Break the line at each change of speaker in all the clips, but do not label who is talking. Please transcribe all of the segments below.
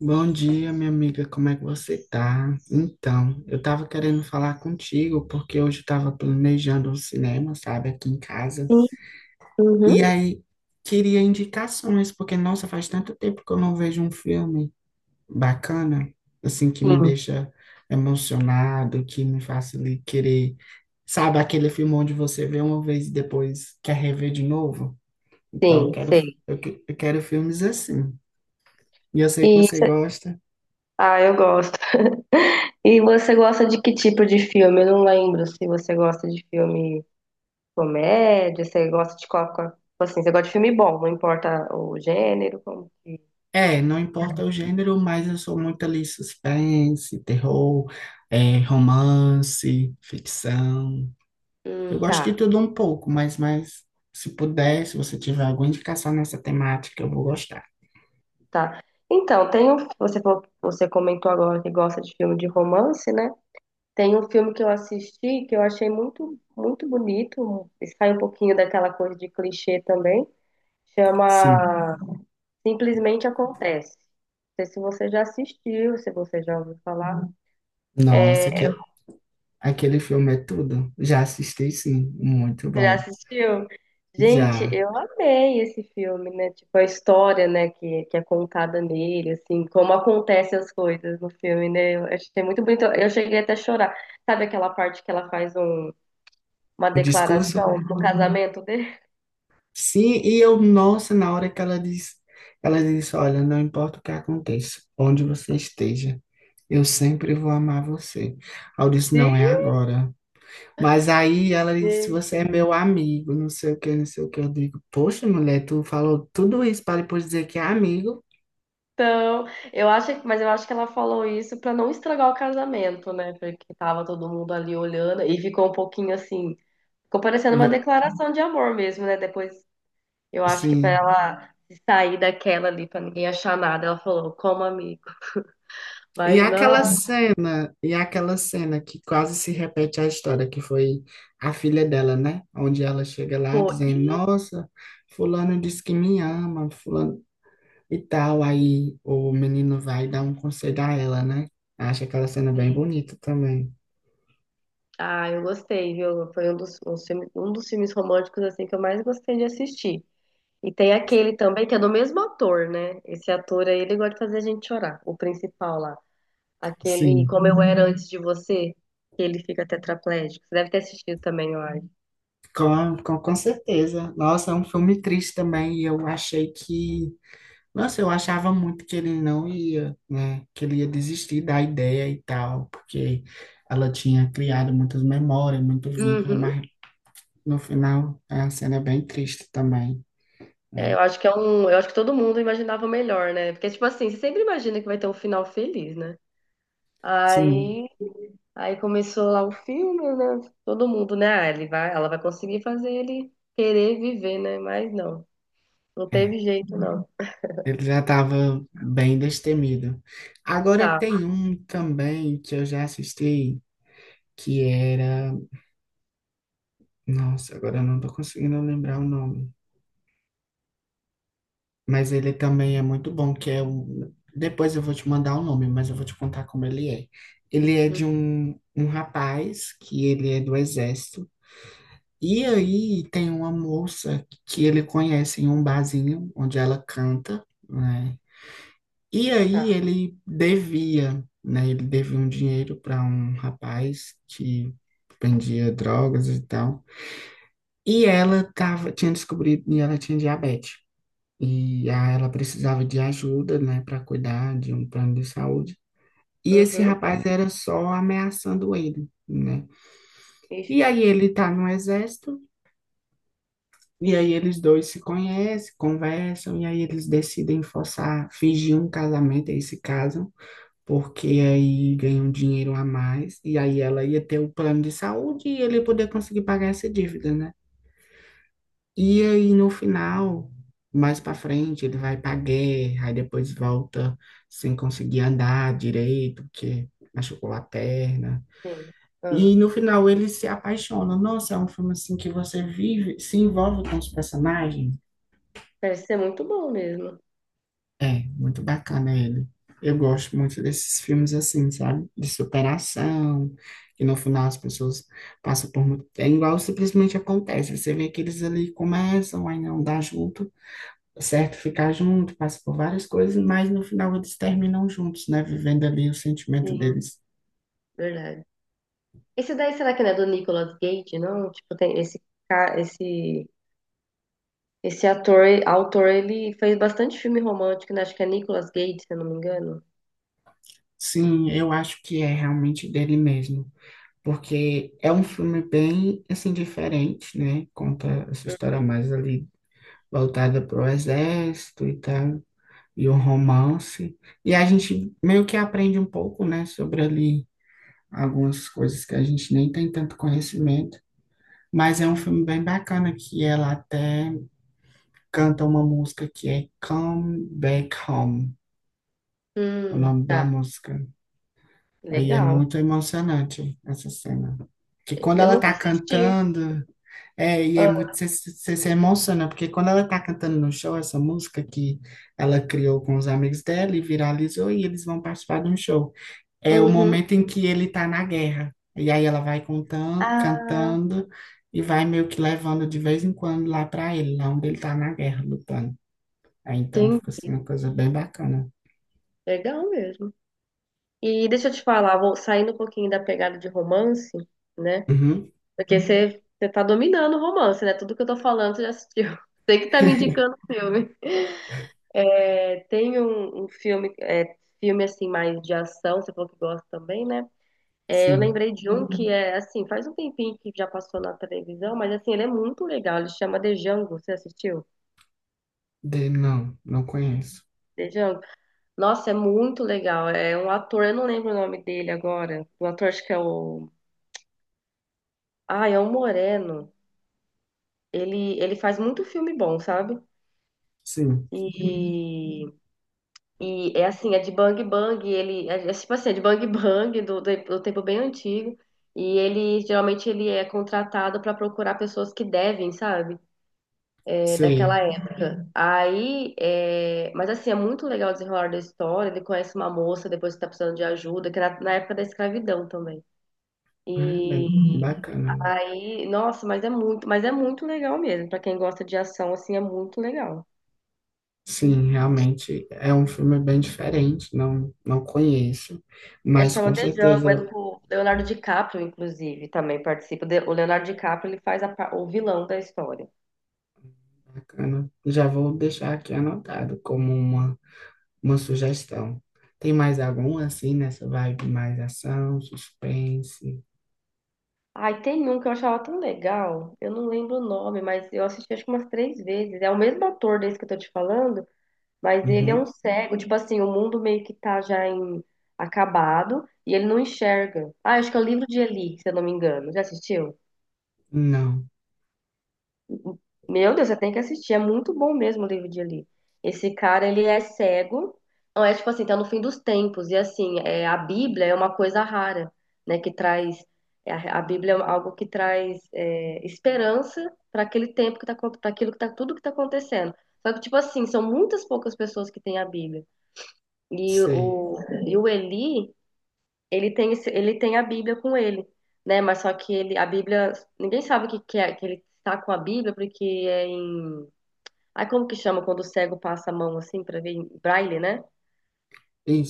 Bom dia, minha amiga, como é que você tá? Então, eu tava querendo falar contigo porque hoje eu tava planejando um cinema, sabe, aqui em casa.
Sim,
E
uhum.
aí queria indicações, porque nossa, faz tanto tempo que eu não vejo um filme bacana, assim que me
Sim,
deixa emocionado, que me faça ali querer, sabe, aquele filme onde você vê uma vez e depois quer rever de novo. Então,
sim, sei.
eu quero filmes assim. E eu sei que
E
você
cê-
gosta.
ah, eu gosto. E você gosta de que tipo de filme? Eu não lembro se você gosta de filme comédia, você gosta de tipo assim, você gosta de filme bom, não importa o gênero, como.
É, não importa o gênero, mas eu sou muito ali suspense, terror, é, romance, ficção. Eu
Hum,
gosto de
tá,
tudo um pouco, mas se puder, se você tiver alguma indicação nessa temática, eu vou gostar.
tá. Então, tem um, você comentou agora que gosta de filme de romance, né? Tem um filme que eu assisti que eu achei muito bonito, sai um pouquinho daquela coisa de clichê também.
Sim.
Chama Simplesmente acontece. Não sei se você já assistiu, se você já ouviu falar.
Nossa,
É,
que, aquele filme é tudo. Já assisti, sim. Muito
você já
bom.
assistiu? Gente,
Já.
eu amei esse filme, né? Tipo, a história, né, que é contada nele, assim, como acontecem as coisas no filme, né? Eu achei muito bonito. Eu cheguei até a chorar. Sabe aquela parte que uma
O discurso.
declaração do casamento dele?
Sim, e eu, nossa, na hora que ela disse, olha, não importa o que aconteça, onde você esteja, eu sempre vou amar você. Aí eu disse, não é agora. Mas aí ela disse,
Sim.
você é meu amigo, não sei o que, não sei o que. Eu digo, poxa, mulher, tu falou tudo isso para depois dizer que é amigo?
Então, eu acho, mas eu acho que ela falou isso pra não estragar o casamento, né? Porque tava todo mundo ali olhando e ficou um pouquinho assim. Ficou parecendo uma
Le-
declaração de amor mesmo, né? Depois, eu acho que pra
Sim.
ela se sair daquela ali, pra ninguém achar nada, ela falou, como amigo. Mas não,
E aquela cena que quase se repete a história, que foi a filha dela, né? Onde ela chega lá
pô,
dizendo,
e...
nossa, fulano disse que me ama, fulano e tal. Aí o menino vai dar um conselho a ela, né? Acho aquela cena bem
e-
bonita também.
ah, eu gostei, viu? Foi um um dos filmes românticos, assim, que eu mais gostei de assistir. E tem aquele também, que é do mesmo ator, né? Esse ator aí, ele gosta de fazer a gente chorar, o principal lá. Aquele
Sim,
Como Eu Era Antes de Você, que ele fica tetraplégico. Você deve ter assistido também, eu acho.
com certeza. Nossa, é um filme triste também, e eu achei que... Nossa, eu achava muito que ele não ia, né? Que ele ia desistir da ideia e tal, porque ela tinha criado muitas memórias, muito vínculo,
Uhum.
mas no final a cena é bem triste também,
É,
né?
eu acho que é um, eu acho que todo mundo imaginava melhor, né? Porque tipo assim, você sempre imagina que vai ter um final feliz, né?
Sim,
Aí, aí começou lá o filme, né? Todo mundo, né? Ah, ele vai, ela vai conseguir fazer ele querer viver, né? Mas não, não
é.
teve jeito, não.
Ele já estava bem destemido. Agora
Tá,
tem um também que eu já assisti, que era... Nossa, agora eu não estou conseguindo lembrar o nome. Mas ele também é muito bom, que é um... Depois eu vou te mandar o nome, mas eu vou te contar como ele é. Ele é
hum,
de um rapaz que ele é do exército. E aí tem uma moça que ele conhece em um barzinho onde ela canta, né? E aí
tá.
ele devia, né? Ele devia um dinheiro para um rapaz que vendia drogas e tal. E ela tava, tinha descobrido, e ela tinha diabetes. E ah, ela precisava de ajuda, né, para cuidar de um plano de saúde. E esse
Uhum.
rapaz era só ameaçando ele, né?
Ixi,
E aí ele tá no exército, e aí eles dois se conhecem, conversam, e aí eles decidem forçar, fingir um casamento, aí se casam, porque aí ganham dinheiro a mais, e aí ela ia ter o plano de saúde e ele ia poder conseguir pagar essa dívida, né? E aí, no final, mais pra frente, ele vai pra guerra, aí depois volta sem conseguir andar direito, porque machucou a perna.
sim. Ah,
E no final, ele se apaixona. Nossa, é um filme assim que você vive, se envolve com os personagens.
parece ser muito bom mesmo.
É, muito bacana ele. Eu gosto muito desses filmes assim, sabe? De superação, que no final as pessoas passam por muito. É igual simplesmente acontece. Você vê que eles ali começam, aí não dá junto. Tá certo? Ficar junto, passa por várias coisas, mas no final eles terminam juntos, né? Vivendo ali o sentimento
Sim,
deles.
verdade. Esse daí, será que não é do Nicolas Cage, não? Tipo, tem esse cara, esse esse ator, autor, ele fez bastante filme romântico, né? Acho que é Nicolas Cage, se eu não me engano.
Sim, eu acho que é realmente dele mesmo, porque é um filme bem, assim, diferente, né? Conta essa história mais ali voltada para o exército e tal, e o romance. E a gente meio que aprende um pouco, né? Sobre ali algumas coisas que a gente nem tem tanto conhecimento, mas é um filme bem bacana que ela até canta uma música que é Come Back Home, o nome
Tá,
da música. Aí é
legal.
muito emocionante essa cena. Que quando
Eu
ela
nunca
tá
assisti.
cantando, é, e é
Ah,
muito, você se emociona, porque quando ela tá cantando no show, essa música que ela criou com os amigos dela e viralizou, e eles vão participar de um show. É o
uhum.
momento em que ele tá na guerra. E aí ela vai contando,
Ah,
cantando e vai meio que levando de vez em quando lá pra ele, lá onde ele tá na guerra, lutando. Aí então
tem.
fica assim uma coisa bem bacana.
Legal mesmo. E deixa eu te falar, vou saindo um pouquinho da pegada de romance, né?
Uhum.
Porque você tá dominando o romance, né? Tudo que eu tô falando você já assistiu. Você que tá me indicando o filme. É, tem um filme, é, filme assim mais de ação, você falou que gosta também, né? É, eu
Sim.
lembrei de um que é assim, faz um tempinho que já passou na televisão, mas assim, ele é muito legal. Ele chama The Django. Você assistiu?
De, não, não conheço.
The Django. Nossa, é muito legal. É um ator, eu não lembro o nome dele agora. O ator acho que é o. Ah, é o Moreno. Ele faz muito filme bom, sabe?
Sim,
E, e é assim, é de Bang Bang. É tipo assim, é de Bang Bang do tempo bem antigo. E ele geralmente ele é contratado para procurar pessoas que devem, sabe? É, daquela
sei.
época. Aí, é, mas assim, é muito legal o desenrolar da história. Ele conhece uma moça depois que tá precisando de ajuda, que era na época da escravidão também.
Ah, é
E
bem
uhum.
bacana.
Aí, nossa, mas é muito legal mesmo. Pra quem gosta de ação, assim, é muito legal.
Sim, realmente é um filme bem diferente, não, não conheço,
É
mas
chama
com
The Jungle, é
certeza
do Leonardo DiCaprio, inclusive, também participa. O Leonardo DiCaprio, ele faz o vilão da história.
bacana. Já vou deixar aqui anotado como uma sugestão. Tem mais algum assim nessa vibe mais ação, suspense?
Ai, tem um que eu achava tão legal. Eu não lembro o nome, mas eu assisti acho que umas três vezes. É o mesmo ator desse que eu tô te falando. Mas ele é um
Uhum.
cego, tipo assim, o mundo meio que tá já em acabado e ele não enxerga. Ah, acho que é o livro de Eli, se eu não me engano. Já assistiu?
Não,
Meu Deus, você tem que assistir, é muito bom mesmo o livro de Eli. Esse cara, ele é cego, não é tipo assim, tá no fim dos tempos e assim, é, a Bíblia é uma coisa rara, né, que traz é, a Bíblia é algo que traz é, esperança para aquele tempo que tá, para aquilo que tá, tudo que tá acontecendo. Só que, tipo assim, são muitas poucas pessoas que têm a Bíblia. E
sei.
o, e o Eli, ele tem, ele tem a Bíblia com ele, né? Mas só que ele, a Bíblia, ninguém sabe que é, que ele tá com a Bíblia, porque é em. Ai, como que chama quando o cego passa a mão assim pra ver em braille, né?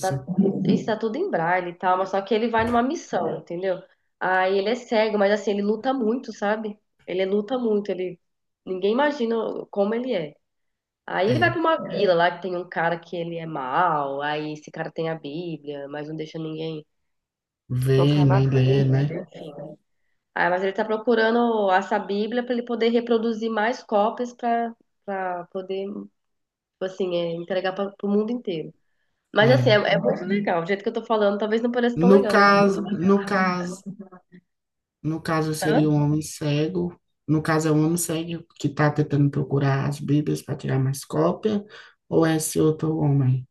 Tá, isso tá tudo em braille e tal, mas só que ele vai numa missão, entendeu? Aí ele é cego, mas assim, ele luta muito, sabe? Ele luta muito, ele. Ninguém imagina como ele é. Aí ele vai
É.
pra uma vila lá que tem um cara que ele é mau, aí esse cara tem a Bíblia, mas não deixa ninguém
Ver,
tocar na
nem ler, né?
Bíblia, enfim. Ah, mas ele está procurando essa Bíblia para ele poder reproduzir mais cópias para para poder, tipo assim, é, entregar para o mundo inteiro. Mas assim, é,
É.
é muito legal. O jeito que eu tô falando, talvez não pareça tão
No
legal, mas é muito
caso, no
legal.
caso, no caso
Hã?
seria um homem cego. No caso é um homem cego que está tentando procurar as Bíblias para tirar mais cópia, ou é esse outro homem?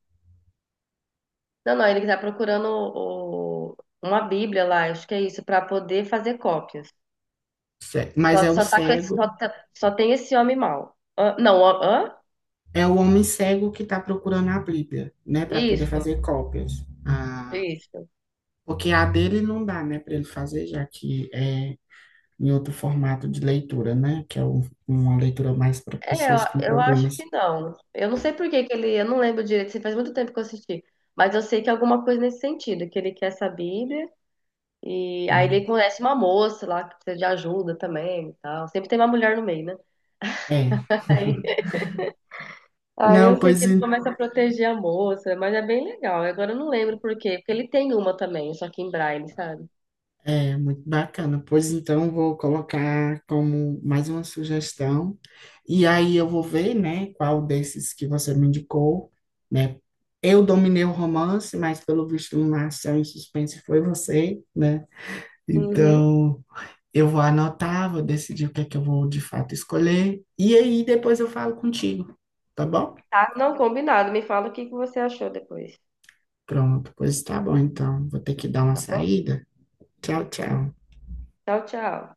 Não, não, ele está procurando uma Bíblia lá, acho que é isso, para poder fazer cópias.
Mas é o
Tá com
cego,
só tem esse homem mau. Hã? Não, hã? Hã?
é o homem cego que está procurando a Bíblia, né, para poder
Isso,
fazer cópias. Ah,
isso.
porque a dele não dá, né, para ele fazer, já que é em outro formato de leitura, né, que é um- uma leitura mais para
É, eu
pessoas com
eu acho
problemas.
que não. Eu não sei por que que ele, eu não lembro direito, assim, faz muito tempo que eu assisti, mas eu sei que é alguma coisa nesse sentido, que ele quer essa Bíblia e aí
Hum.
ele conhece uma moça lá que precisa de ajuda também e tal. Sempre tem uma mulher no meio, né?
É.
Aí, aí eu
Não,
sei que
pois
ele começa a proteger a moça, mas é bem legal. Agora eu não lembro por quê, porque ele tem uma também, só que em Braille, sabe?
É, muito bacana. Pois então, vou colocar como mais uma sugestão. E aí eu vou ver, né, qual desses que você me indicou, né? Eu dominei o romance, mas pelo visto na ação e suspense foi você, né?
Uhum.
Então, eu vou anotar, vou decidir o que é que eu vou de fato escolher. E aí depois eu falo contigo, tá bom?
Tá, não combinado. Me fala o que que você achou depois,
Pronto, pois tá bom, então. Vou ter que dar uma
tá bom?
saída. Tchau, tchau.
Tchau, tchau.